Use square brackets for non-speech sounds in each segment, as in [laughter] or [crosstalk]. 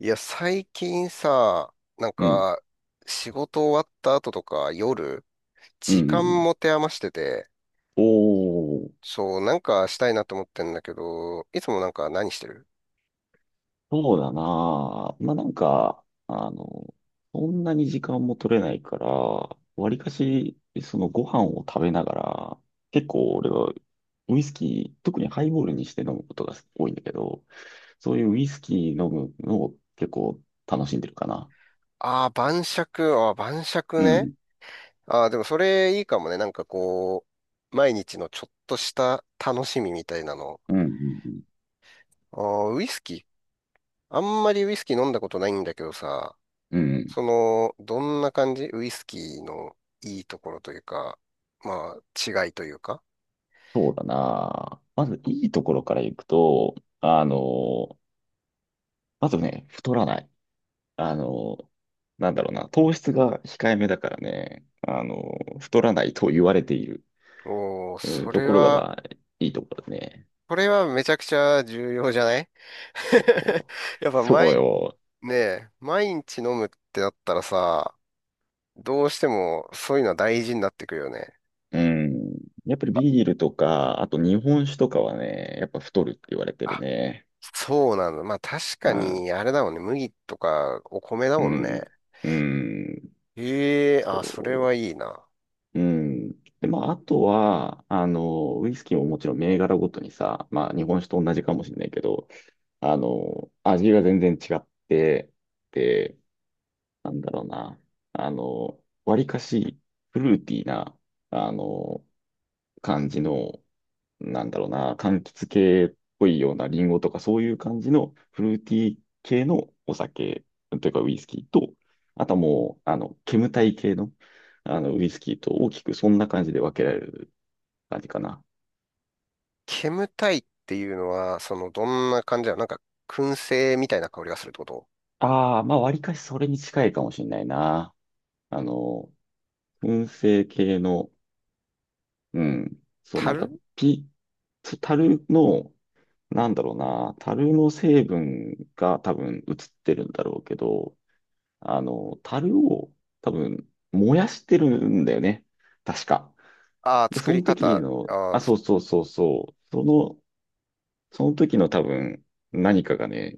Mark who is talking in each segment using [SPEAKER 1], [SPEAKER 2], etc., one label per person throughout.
[SPEAKER 1] いや、最近さ、
[SPEAKER 2] うん。
[SPEAKER 1] 仕事終わった後とか夜、
[SPEAKER 2] うん。う
[SPEAKER 1] 時間持
[SPEAKER 2] ん。
[SPEAKER 1] て余してて、
[SPEAKER 2] おー、
[SPEAKER 1] そう、なんかしたいなと思ってんだけど、いつも何してる？
[SPEAKER 2] そうだな。まあ、なんか、そんなに時間も取れないから、わりかし、そのご飯を食べながら、結構俺はウイスキー、特にハイボールにして飲むことが多いんだけど、そういうウイスキー飲むのを結構楽しんでるかな。
[SPEAKER 1] ああー、晩酌、ああ、晩酌
[SPEAKER 2] う
[SPEAKER 1] ね。
[SPEAKER 2] ん。
[SPEAKER 1] ああ、でもそれいいかもね。なんかこう、毎日のちょっとした楽しみみたいなの。
[SPEAKER 2] うん。うん。
[SPEAKER 1] ああ、ウイスキー。あんまりウイスキー飲んだことないんだけどさ、
[SPEAKER 2] うんうん。
[SPEAKER 1] その、どんな感じ、ウイスキーのいいところというか、まあ、違いというか。
[SPEAKER 2] そうだな。まずいいところからいくと、あの、まずね、太らない。あの、なんだろうな、糖質が控えめだからね、太らないと言われている、
[SPEAKER 1] おー、
[SPEAKER 2] うん、
[SPEAKER 1] そ
[SPEAKER 2] と
[SPEAKER 1] れ
[SPEAKER 2] ころが、
[SPEAKER 1] は、
[SPEAKER 2] まあ、いいところだね。
[SPEAKER 1] これはめちゃくちゃ重要じゃない？
[SPEAKER 2] そう。
[SPEAKER 1] [laughs] やっぱ
[SPEAKER 2] そう
[SPEAKER 1] 毎、
[SPEAKER 2] よ。
[SPEAKER 1] ねえ、毎日飲むってなったらさ、どうしてもそういうのは大事になってくるよね。
[SPEAKER 2] うん。やっぱりビールとか、あと日本酒とかはね、やっぱ太るって言われてる
[SPEAKER 1] あ、
[SPEAKER 2] ね。
[SPEAKER 1] そうなんだ。まあ確か
[SPEAKER 2] うん。
[SPEAKER 1] に、あれだもんね。麦とかお米だもんね。
[SPEAKER 2] うん。
[SPEAKER 1] ええ、あ、それ
[SPEAKER 2] そ
[SPEAKER 1] はいいな。
[SPEAKER 2] う。うん。で、まあ、あとは、ウイスキーももちろん銘柄ごとにさ、まあ、日本酒と同じかもしれないけど、味が全然違って、でなんだろうな。あの、わりかしフルーティーな、あの、感じの、なんだろうな、柑橘系っぽいようなリンゴとかそういう感じのフルーティー系のお酒というかウイスキーと、あとはもう、煙たい系の、あのウイスキーと大きくそんな感じで分けられる感じかな。
[SPEAKER 1] 煙たいっていうのは、その、どんな感じだ、なんか、燻製みたいな香りがするってこと？
[SPEAKER 2] ああ、まあ、わりかしそれに近いかもしれないな。あの、燻製系の、うん、そう、なんか、
[SPEAKER 1] 樽。
[SPEAKER 2] ピ、タルの、なんだろうな、樽の成分が多分映ってるんだろうけど、樽を多分燃やしてるんだよね。確か。
[SPEAKER 1] ああー、
[SPEAKER 2] で、
[SPEAKER 1] 作
[SPEAKER 2] そ
[SPEAKER 1] り
[SPEAKER 2] の
[SPEAKER 1] 方。
[SPEAKER 2] 時の、
[SPEAKER 1] あ
[SPEAKER 2] あ、
[SPEAKER 1] あ、
[SPEAKER 2] そうそうそうそう、その時の多分何かがね、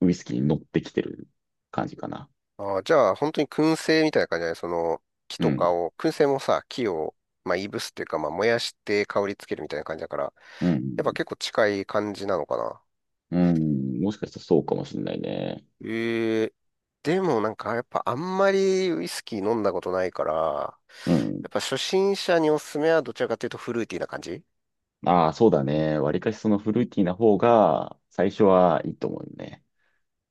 [SPEAKER 2] ウイスキーに乗ってきてる感じかな。
[SPEAKER 1] ああ、じゃあ、本当に燻製みたいな感じだね。その、木
[SPEAKER 2] う
[SPEAKER 1] と
[SPEAKER 2] ん、
[SPEAKER 1] かを、燻製もさ、木を、まあ、いぶすっていうか、まあ、燃やして香りつけるみたいな感じだから、や
[SPEAKER 2] う
[SPEAKER 1] っぱ
[SPEAKER 2] ん、
[SPEAKER 1] 結構近い感じなのかな。
[SPEAKER 2] うん、もしかしたらそうかもしれないね。
[SPEAKER 1] ええ、でもなんか、やっぱあんまりウイスキー飲んだことないから、
[SPEAKER 2] うん。
[SPEAKER 1] やっぱ初心者におすすめはどちらかというとフルーティーな感じ？
[SPEAKER 2] ああ、そうだね。わりかしそのフルーティーな方が最初はいいと思うよね。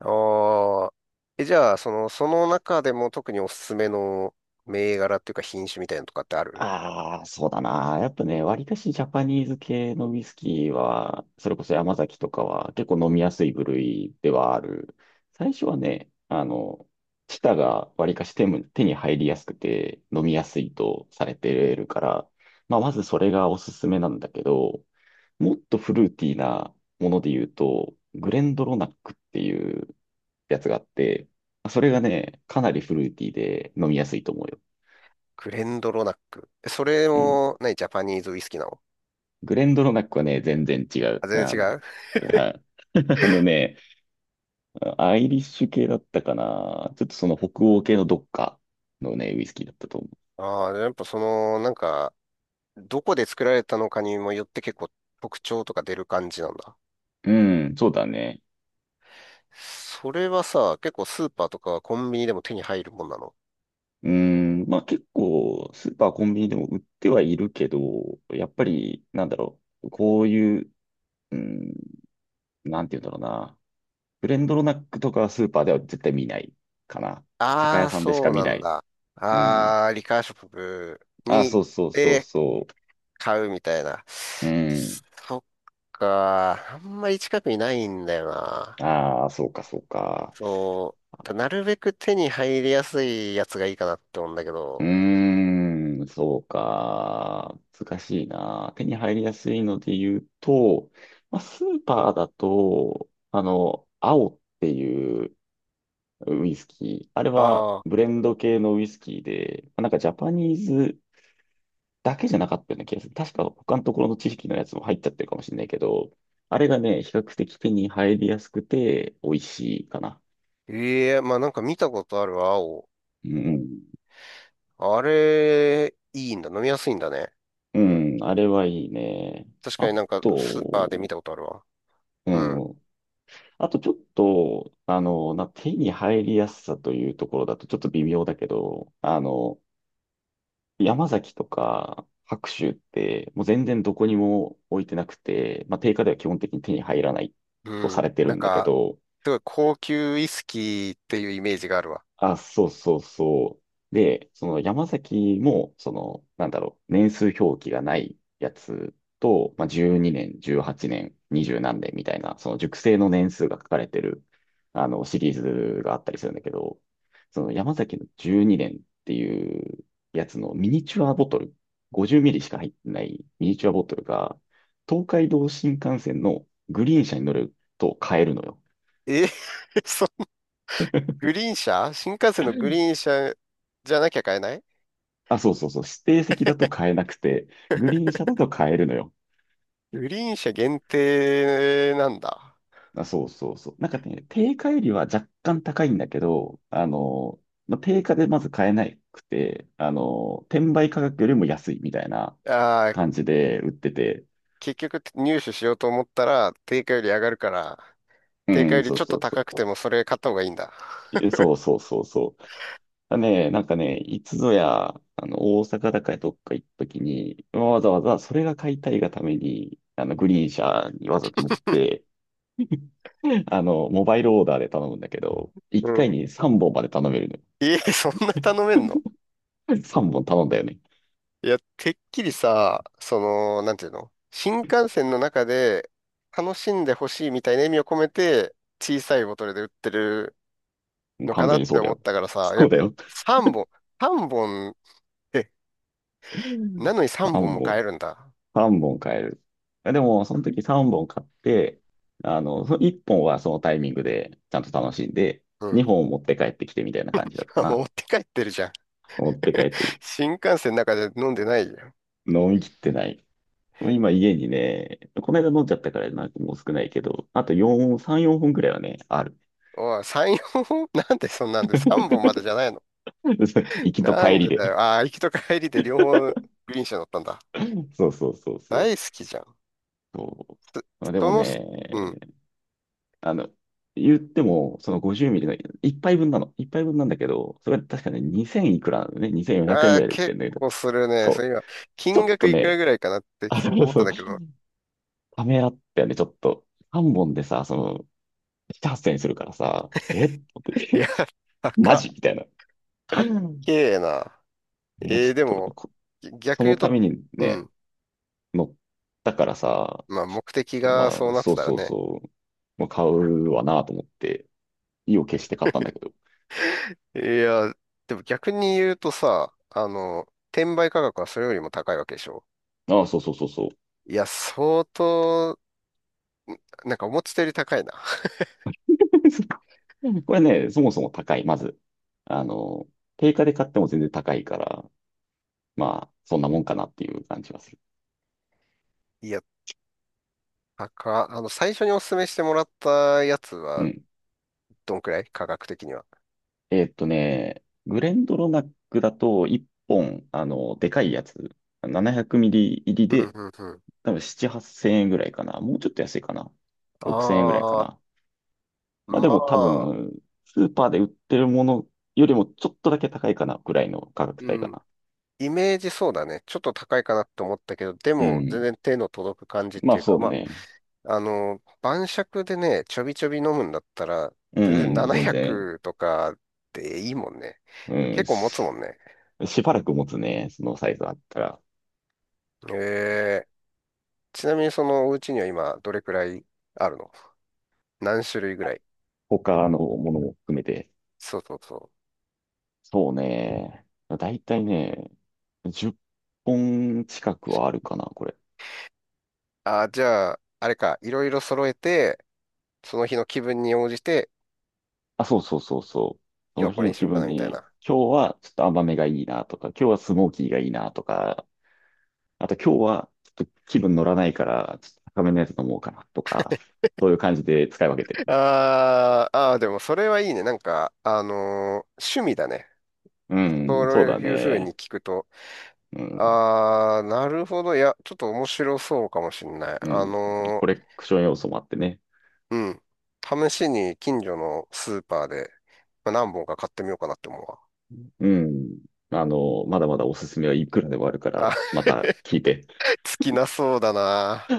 [SPEAKER 1] ああ。え、じゃあ、その、その中でも特におすすめの銘柄っていうか品種みたいなのとかってある？
[SPEAKER 2] ああ、そうだな。やっぱね、割かしジャパニーズ系のウイスキーは、それこそ山崎とかは結構飲みやすい部類ではある。最初はね、チタが割かし手に入りやすくて飲みやすいとされてるから、まあ、まずそれがおすすめなんだけど、もっとフルーティーなもので言うと、グレンドロナックっていうやつがあって、それがね、かなりフルーティーで飲みやすいと思うよ。
[SPEAKER 1] クレンドロナック。え、それ
[SPEAKER 2] うん。
[SPEAKER 1] も、何、ジャパニーズウイスキーなの？
[SPEAKER 2] グレンドロナックはね、全然違う。
[SPEAKER 1] あ、全然違う？
[SPEAKER 2] はい。[laughs] あのね、アイリッシュ系だったかな。ちょっとその北欧系のどっかのね、ウイスキーだったと思
[SPEAKER 1] ああ、やっぱその、なんか、どこで作られたのかにもよって結構特徴とか出る感じなんだ。
[SPEAKER 2] う。うん、そうだね。
[SPEAKER 1] それはさ、結構スーパーとかコンビニでも手に入るもんなの？
[SPEAKER 2] うん、まあ結構、スーパー、コンビニでも売ってはいるけど、やっぱり、こういう、うん、なんて言うんだろうな。ブレンドロナックとかはスーパーでは絶対見ないかな。酒
[SPEAKER 1] ああ
[SPEAKER 2] 屋
[SPEAKER 1] ー、
[SPEAKER 2] さんでし
[SPEAKER 1] そ
[SPEAKER 2] か
[SPEAKER 1] う
[SPEAKER 2] 見
[SPEAKER 1] な
[SPEAKER 2] な
[SPEAKER 1] ん
[SPEAKER 2] い。
[SPEAKER 1] だ。
[SPEAKER 2] うん。
[SPEAKER 1] ああ、リカーショップ
[SPEAKER 2] あ、
[SPEAKER 1] に
[SPEAKER 2] そ
[SPEAKER 1] 行っ
[SPEAKER 2] うそうそう
[SPEAKER 1] て
[SPEAKER 2] そ
[SPEAKER 1] 買うみたいな。
[SPEAKER 2] う。うん。
[SPEAKER 1] そっか、あんまり近くにないんだよな。
[SPEAKER 2] ああ、そうか、そうか。
[SPEAKER 1] そう、だ、なるべく手に入りやすいやつがいいかなって思うんだけ
[SPEAKER 2] う
[SPEAKER 1] ど。
[SPEAKER 2] ーん、そうか。難しいな。手に入りやすいので言うと、まあ、スーパーだと、青っていうウイスキー。あれは
[SPEAKER 1] ああ、
[SPEAKER 2] ブレンド系のウイスキーで、まあなんかジャパニーズだけじゃなかったような気がする。確か他のところの知識のやつも入っちゃってるかもしれないけど、あれがね、比較的手に入りやすくて美味しいかな。
[SPEAKER 1] ええ、まあなんか見たことあるわ、青。
[SPEAKER 2] うん。
[SPEAKER 1] あれ、いいんだ。飲みやすいんだね。
[SPEAKER 2] うん、あれはいいね。
[SPEAKER 1] 確か
[SPEAKER 2] あ
[SPEAKER 1] になんか
[SPEAKER 2] と、
[SPEAKER 1] スーパーで見たことあるわ。
[SPEAKER 2] う
[SPEAKER 1] うん。
[SPEAKER 2] ん。あとちょっと、手に入りやすさというところだとちょっと微妙だけど、山崎とか白州ってもう全然どこにも置いてなくて、まあ、定価では基本的に手に入らないと
[SPEAKER 1] う
[SPEAKER 2] さ
[SPEAKER 1] ん。
[SPEAKER 2] れてる
[SPEAKER 1] なん
[SPEAKER 2] んだけ
[SPEAKER 1] か、
[SPEAKER 2] ど、
[SPEAKER 1] すごい高級ウイスキーっていうイメージがあるわ。
[SPEAKER 2] あ、そうそうそう。で、その山崎も、その、年数表記がないやつと、まあ、12年、18年、20何年みたいな、その熟成の年数が書かれてる、シリーズがあったりするんだけど、その山崎の12年っていうやつのミニチュアボトル、50ミリしか入ってないミニチュアボトルが、東海道新幹線のグリーン車に乗ると買えるのよ。
[SPEAKER 1] え？ [laughs] そんな、グリーン車、新幹線のグリーン車じゃなきゃ買えない？
[SPEAKER 2] あ、そうそうそう。指定席だと買えなくて、グリーン車だと買えるのよ。
[SPEAKER 1] グリーン車限定なんだ。
[SPEAKER 2] あ、そうそうそう。なんかね、定価よりは若干高いんだけど、まあ、定価でまず買えなくて、転売価格よりも安いみたいな
[SPEAKER 1] ああ、
[SPEAKER 2] 感じで売ってて、
[SPEAKER 1] 結局入手しようと思ったら定価より上がるから、
[SPEAKER 2] う
[SPEAKER 1] 定価よ
[SPEAKER 2] ん、
[SPEAKER 1] り
[SPEAKER 2] そ
[SPEAKER 1] ち
[SPEAKER 2] う
[SPEAKER 1] ょっ
[SPEAKER 2] そ
[SPEAKER 1] と
[SPEAKER 2] うそ
[SPEAKER 1] 高くて
[SPEAKER 2] う。
[SPEAKER 1] もそれ買った方がいいんだ。
[SPEAKER 2] え、そうそうそうそう。だね、なんかね、いつぞや、大阪だかどっか行った時に、わざわざそれが買いたいがために、グリーン車にわざと乗って、モバイルオーダーで頼むんだけど、
[SPEAKER 1] う
[SPEAKER 2] 1回
[SPEAKER 1] ん。
[SPEAKER 2] に3本まで頼める
[SPEAKER 1] え、[laughs] そんな頼めんの？
[SPEAKER 2] のよ。3本頼んだよね。
[SPEAKER 1] いや、てっきりさ、その、なんていうの、新幹線の中で楽しんでほしいみたいな意味を込めて、小さいボトルで売ってる
[SPEAKER 2] もう
[SPEAKER 1] のか
[SPEAKER 2] 完
[SPEAKER 1] な
[SPEAKER 2] 全
[SPEAKER 1] っ
[SPEAKER 2] にそ
[SPEAKER 1] て
[SPEAKER 2] うだ
[SPEAKER 1] 思っ
[SPEAKER 2] よ。
[SPEAKER 1] たからさ、い
[SPEAKER 2] そう
[SPEAKER 1] や、
[SPEAKER 2] だよ。
[SPEAKER 1] 3本、3本、え、なのに3本
[SPEAKER 2] 3
[SPEAKER 1] も
[SPEAKER 2] 本、
[SPEAKER 1] 買えるんだ。
[SPEAKER 2] 3本買える。でも、その時3本買って、その1本はそのタイミングでちゃんと楽しんで、
[SPEAKER 1] うん。
[SPEAKER 2] 2本持って帰ってきてみたいな感じだっ
[SPEAKER 1] [laughs]
[SPEAKER 2] た
[SPEAKER 1] あ、持
[SPEAKER 2] な。
[SPEAKER 1] って帰ってるじゃん。
[SPEAKER 2] 持って帰って、
[SPEAKER 1] 新幹線の中で飲んでないじゃん。
[SPEAKER 2] 飲み切ってない。今家にね、この間飲んじゃったからなんかもう少ないけど、あと4、3、4本くらいはね、ある。
[SPEAKER 1] おい、3、本。 [laughs] なんでそんなんで3本までじゃないの？
[SPEAKER 2] [laughs] 行きと
[SPEAKER 1] な
[SPEAKER 2] 帰
[SPEAKER 1] ん
[SPEAKER 2] り
[SPEAKER 1] でだ
[SPEAKER 2] で。
[SPEAKER 1] よ。ああ、行きと帰りで両方グリーン車乗ったんだ。
[SPEAKER 2] そうそうそうそ
[SPEAKER 1] 大好
[SPEAKER 2] う。
[SPEAKER 1] きじゃん。
[SPEAKER 2] そう。で
[SPEAKER 1] そ
[SPEAKER 2] も
[SPEAKER 1] の、
[SPEAKER 2] ね、
[SPEAKER 1] うん。
[SPEAKER 2] あの、言っても、その50ミリの一杯分なの。一杯分なんだけど、それは確かね、2000いくらなのね。2400円
[SPEAKER 1] ああ、
[SPEAKER 2] ぐらいで売っ
[SPEAKER 1] 結
[SPEAKER 2] てるんだけど。
[SPEAKER 1] 構するね。そう、
[SPEAKER 2] そう。
[SPEAKER 1] 今、
[SPEAKER 2] ちょ
[SPEAKER 1] 金
[SPEAKER 2] っ
[SPEAKER 1] 額
[SPEAKER 2] と
[SPEAKER 1] いくら
[SPEAKER 2] ね、
[SPEAKER 1] ぐらいかなって
[SPEAKER 2] [laughs] あ、
[SPEAKER 1] 聞
[SPEAKER 2] そ
[SPEAKER 1] こうと
[SPEAKER 2] う
[SPEAKER 1] 思った
[SPEAKER 2] そ
[SPEAKER 1] ん
[SPEAKER 2] う、
[SPEAKER 1] だけど。
[SPEAKER 2] ためらったよね、ちょっと。3本でさ、その、7、8000円するからさ、えって思っ
[SPEAKER 1] [laughs] い
[SPEAKER 2] て
[SPEAKER 1] や、
[SPEAKER 2] [laughs] マ
[SPEAKER 1] 高
[SPEAKER 2] ジ
[SPEAKER 1] っ。
[SPEAKER 2] みたいな。
[SPEAKER 1] 高っけえな。
[SPEAKER 2] いや、ち
[SPEAKER 1] で
[SPEAKER 2] ょっと
[SPEAKER 1] も、
[SPEAKER 2] そ
[SPEAKER 1] 逆言
[SPEAKER 2] の
[SPEAKER 1] う
[SPEAKER 2] た
[SPEAKER 1] と、
[SPEAKER 2] めに
[SPEAKER 1] う
[SPEAKER 2] ね、
[SPEAKER 1] ん。
[SPEAKER 2] 乗ったからさ、
[SPEAKER 1] まあ、
[SPEAKER 2] ちょ
[SPEAKER 1] 目
[SPEAKER 2] っ
[SPEAKER 1] 的
[SPEAKER 2] と
[SPEAKER 1] がそ
[SPEAKER 2] ま
[SPEAKER 1] う
[SPEAKER 2] あ、
[SPEAKER 1] なって
[SPEAKER 2] そう
[SPEAKER 1] たら
[SPEAKER 2] そう
[SPEAKER 1] ね。
[SPEAKER 2] そう、もう買うわなと思って、意を決して買ったんだけど。
[SPEAKER 1] いや、でも逆に言うとさ、転売価格はそれよりも高いわけでしょ。
[SPEAKER 2] ああ、そうそうそうそう。
[SPEAKER 1] いや、相当、なんか思ってたより高いな。
[SPEAKER 2] [laughs] これね、そもそも高い、まず。あの、定価で買っても全然高いから、まあ、そんなもんかなっていう感じはする。
[SPEAKER 1] いや、高っ。最初にお勧めしてもらったやつ
[SPEAKER 2] う
[SPEAKER 1] は、
[SPEAKER 2] ん。
[SPEAKER 1] どんくらい価格的には。
[SPEAKER 2] グレンドロナックだと1本、でかいやつ、700ミリ入り
[SPEAKER 1] う
[SPEAKER 2] で、
[SPEAKER 1] ん、うん、うん。
[SPEAKER 2] 多分7、8千円ぐらいかな。もうちょっと安いかな。
[SPEAKER 1] あ
[SPEAKER 2] 6千円ぐらいか
[SPEAKER 1] あ、
[SPEAKER 2] な。まあ
[SPEAKER 1] ま
[SPEAKER 2] でも多
[SPEAKER 1] あ、
[SPEAKER 2] 分、スーパーで売ってるものよりもちょっとだけ高いかな、ぐらいの価格
[SPEAKER 1] う
[SPEAKER 2] 帯か
[SPEAKER 1] ん。
[SPEAKER 2] な。
[SPEAKER 1] イメージそうだね。ちょっと高いかなって思ったけど、で
[SPEAKER 2] う
[SPEAKER 1] も全
[SPEAKER 2] ん。
[SPEAKER 1] 然手の届く感じっ
[SPEAKER 2] ま
[SPEAKER 1] て
[SPEAKER 2] あ
[SPEAKER 1] いうか、
[SPEAKER 2] そう
[SPEAKER 1] ま
[SPEAKER 2] ね。
[SPEAKER 1] あ、晩酌でね、ちょびちょび飲むんだったら、
[SPEAKER 2] うん、
[SPEAKER 1] 全
[SPEAKER 2] う
[SPEAKER 1] 然
[SPEAKER 2] ん全然。
[SPEAKER 1] 700とかでいいもんね。
[SPEAKER 2] うん、
[SPEAKER 1] 結構持つも
[SPEAKER 2] し、
[SPEAKER 1] んね。
[SPEAKER 2] しばらく持つね、そのサイズあったら。いや、
[SPEAKER 1] ええ、ちなみにそのお家には今どれくらいあるの？何種類ぐらい？
[SPEAKER 2] 他のものも含めて。
[SPEAKER 1] そうそうそ
[SPEAKER 2] そうね。だいたいね、10本近くはあるかな、これ。
[SPEAKER 1] う。ああ、じゃあ、あれか、いろいろ揃えて、その日の気分に応じて、
[SPEAKER 2] あ、そうそうそうそう。
[SPEAKER 1] 今
[SPEAKER 2] そ
[SPEAKER 1] 日は
[SPEAKER 2] の
[SPEAKER 1] こ
[SPEAKER 2] 日
[SPEAKER 1] れに
[SPEAKER 2] の
[SPEAKER 1] しよ
[SPEAKER 2] 気
[SPEAKER 1] うか
[SPEAKER 2] 分
[SPEAKER 1] なみたい
[SPEAKER 2] に、
[SPEAKER 1] な。
[SPEAKER 2] 今日はちょっと甘めがいいなとか、今日はスモーキーがいいなとか、あと今日はちょっと気分乗らないから、ちょっと高めのやつ飲もうかなとか、そういう感じで使い分けてる。
[SPEAKER 1] あーあー、でもそれはいいね。なんか、趣味だね。
[SPEAKER 2] う
[SPEAKER 1] そ
[SPEAKER 2] ん、
[SPEAKER 1] う
[SPEAKER 2] そうだ
[SPEAKER 1] いうふうに
[SPEAKER 2] ね。
[SPEAKER 1] 聞くと、
[SPEAKER 2] うん、
[SPEAKER 1] ああ、なるほど。いや、ちょっと面白そうかもしんない。
[SPEAKER 2] うん。コレクション要素もあってね。
[SPEAKER 1] うん。試しに近所のスーパーで、まあ何本か買ってみようかなって思うわ。
[SPEAKER 2] うん。まだまだおすすめはいくらでもあるか
[SPEAKER 1] あ、
[SPEAKER 2] ら、また
[SPEAKER 1] [laughs]
[SPEAKER 2] 聞いて。
[SPEAKER 1] 尽きなそうだな。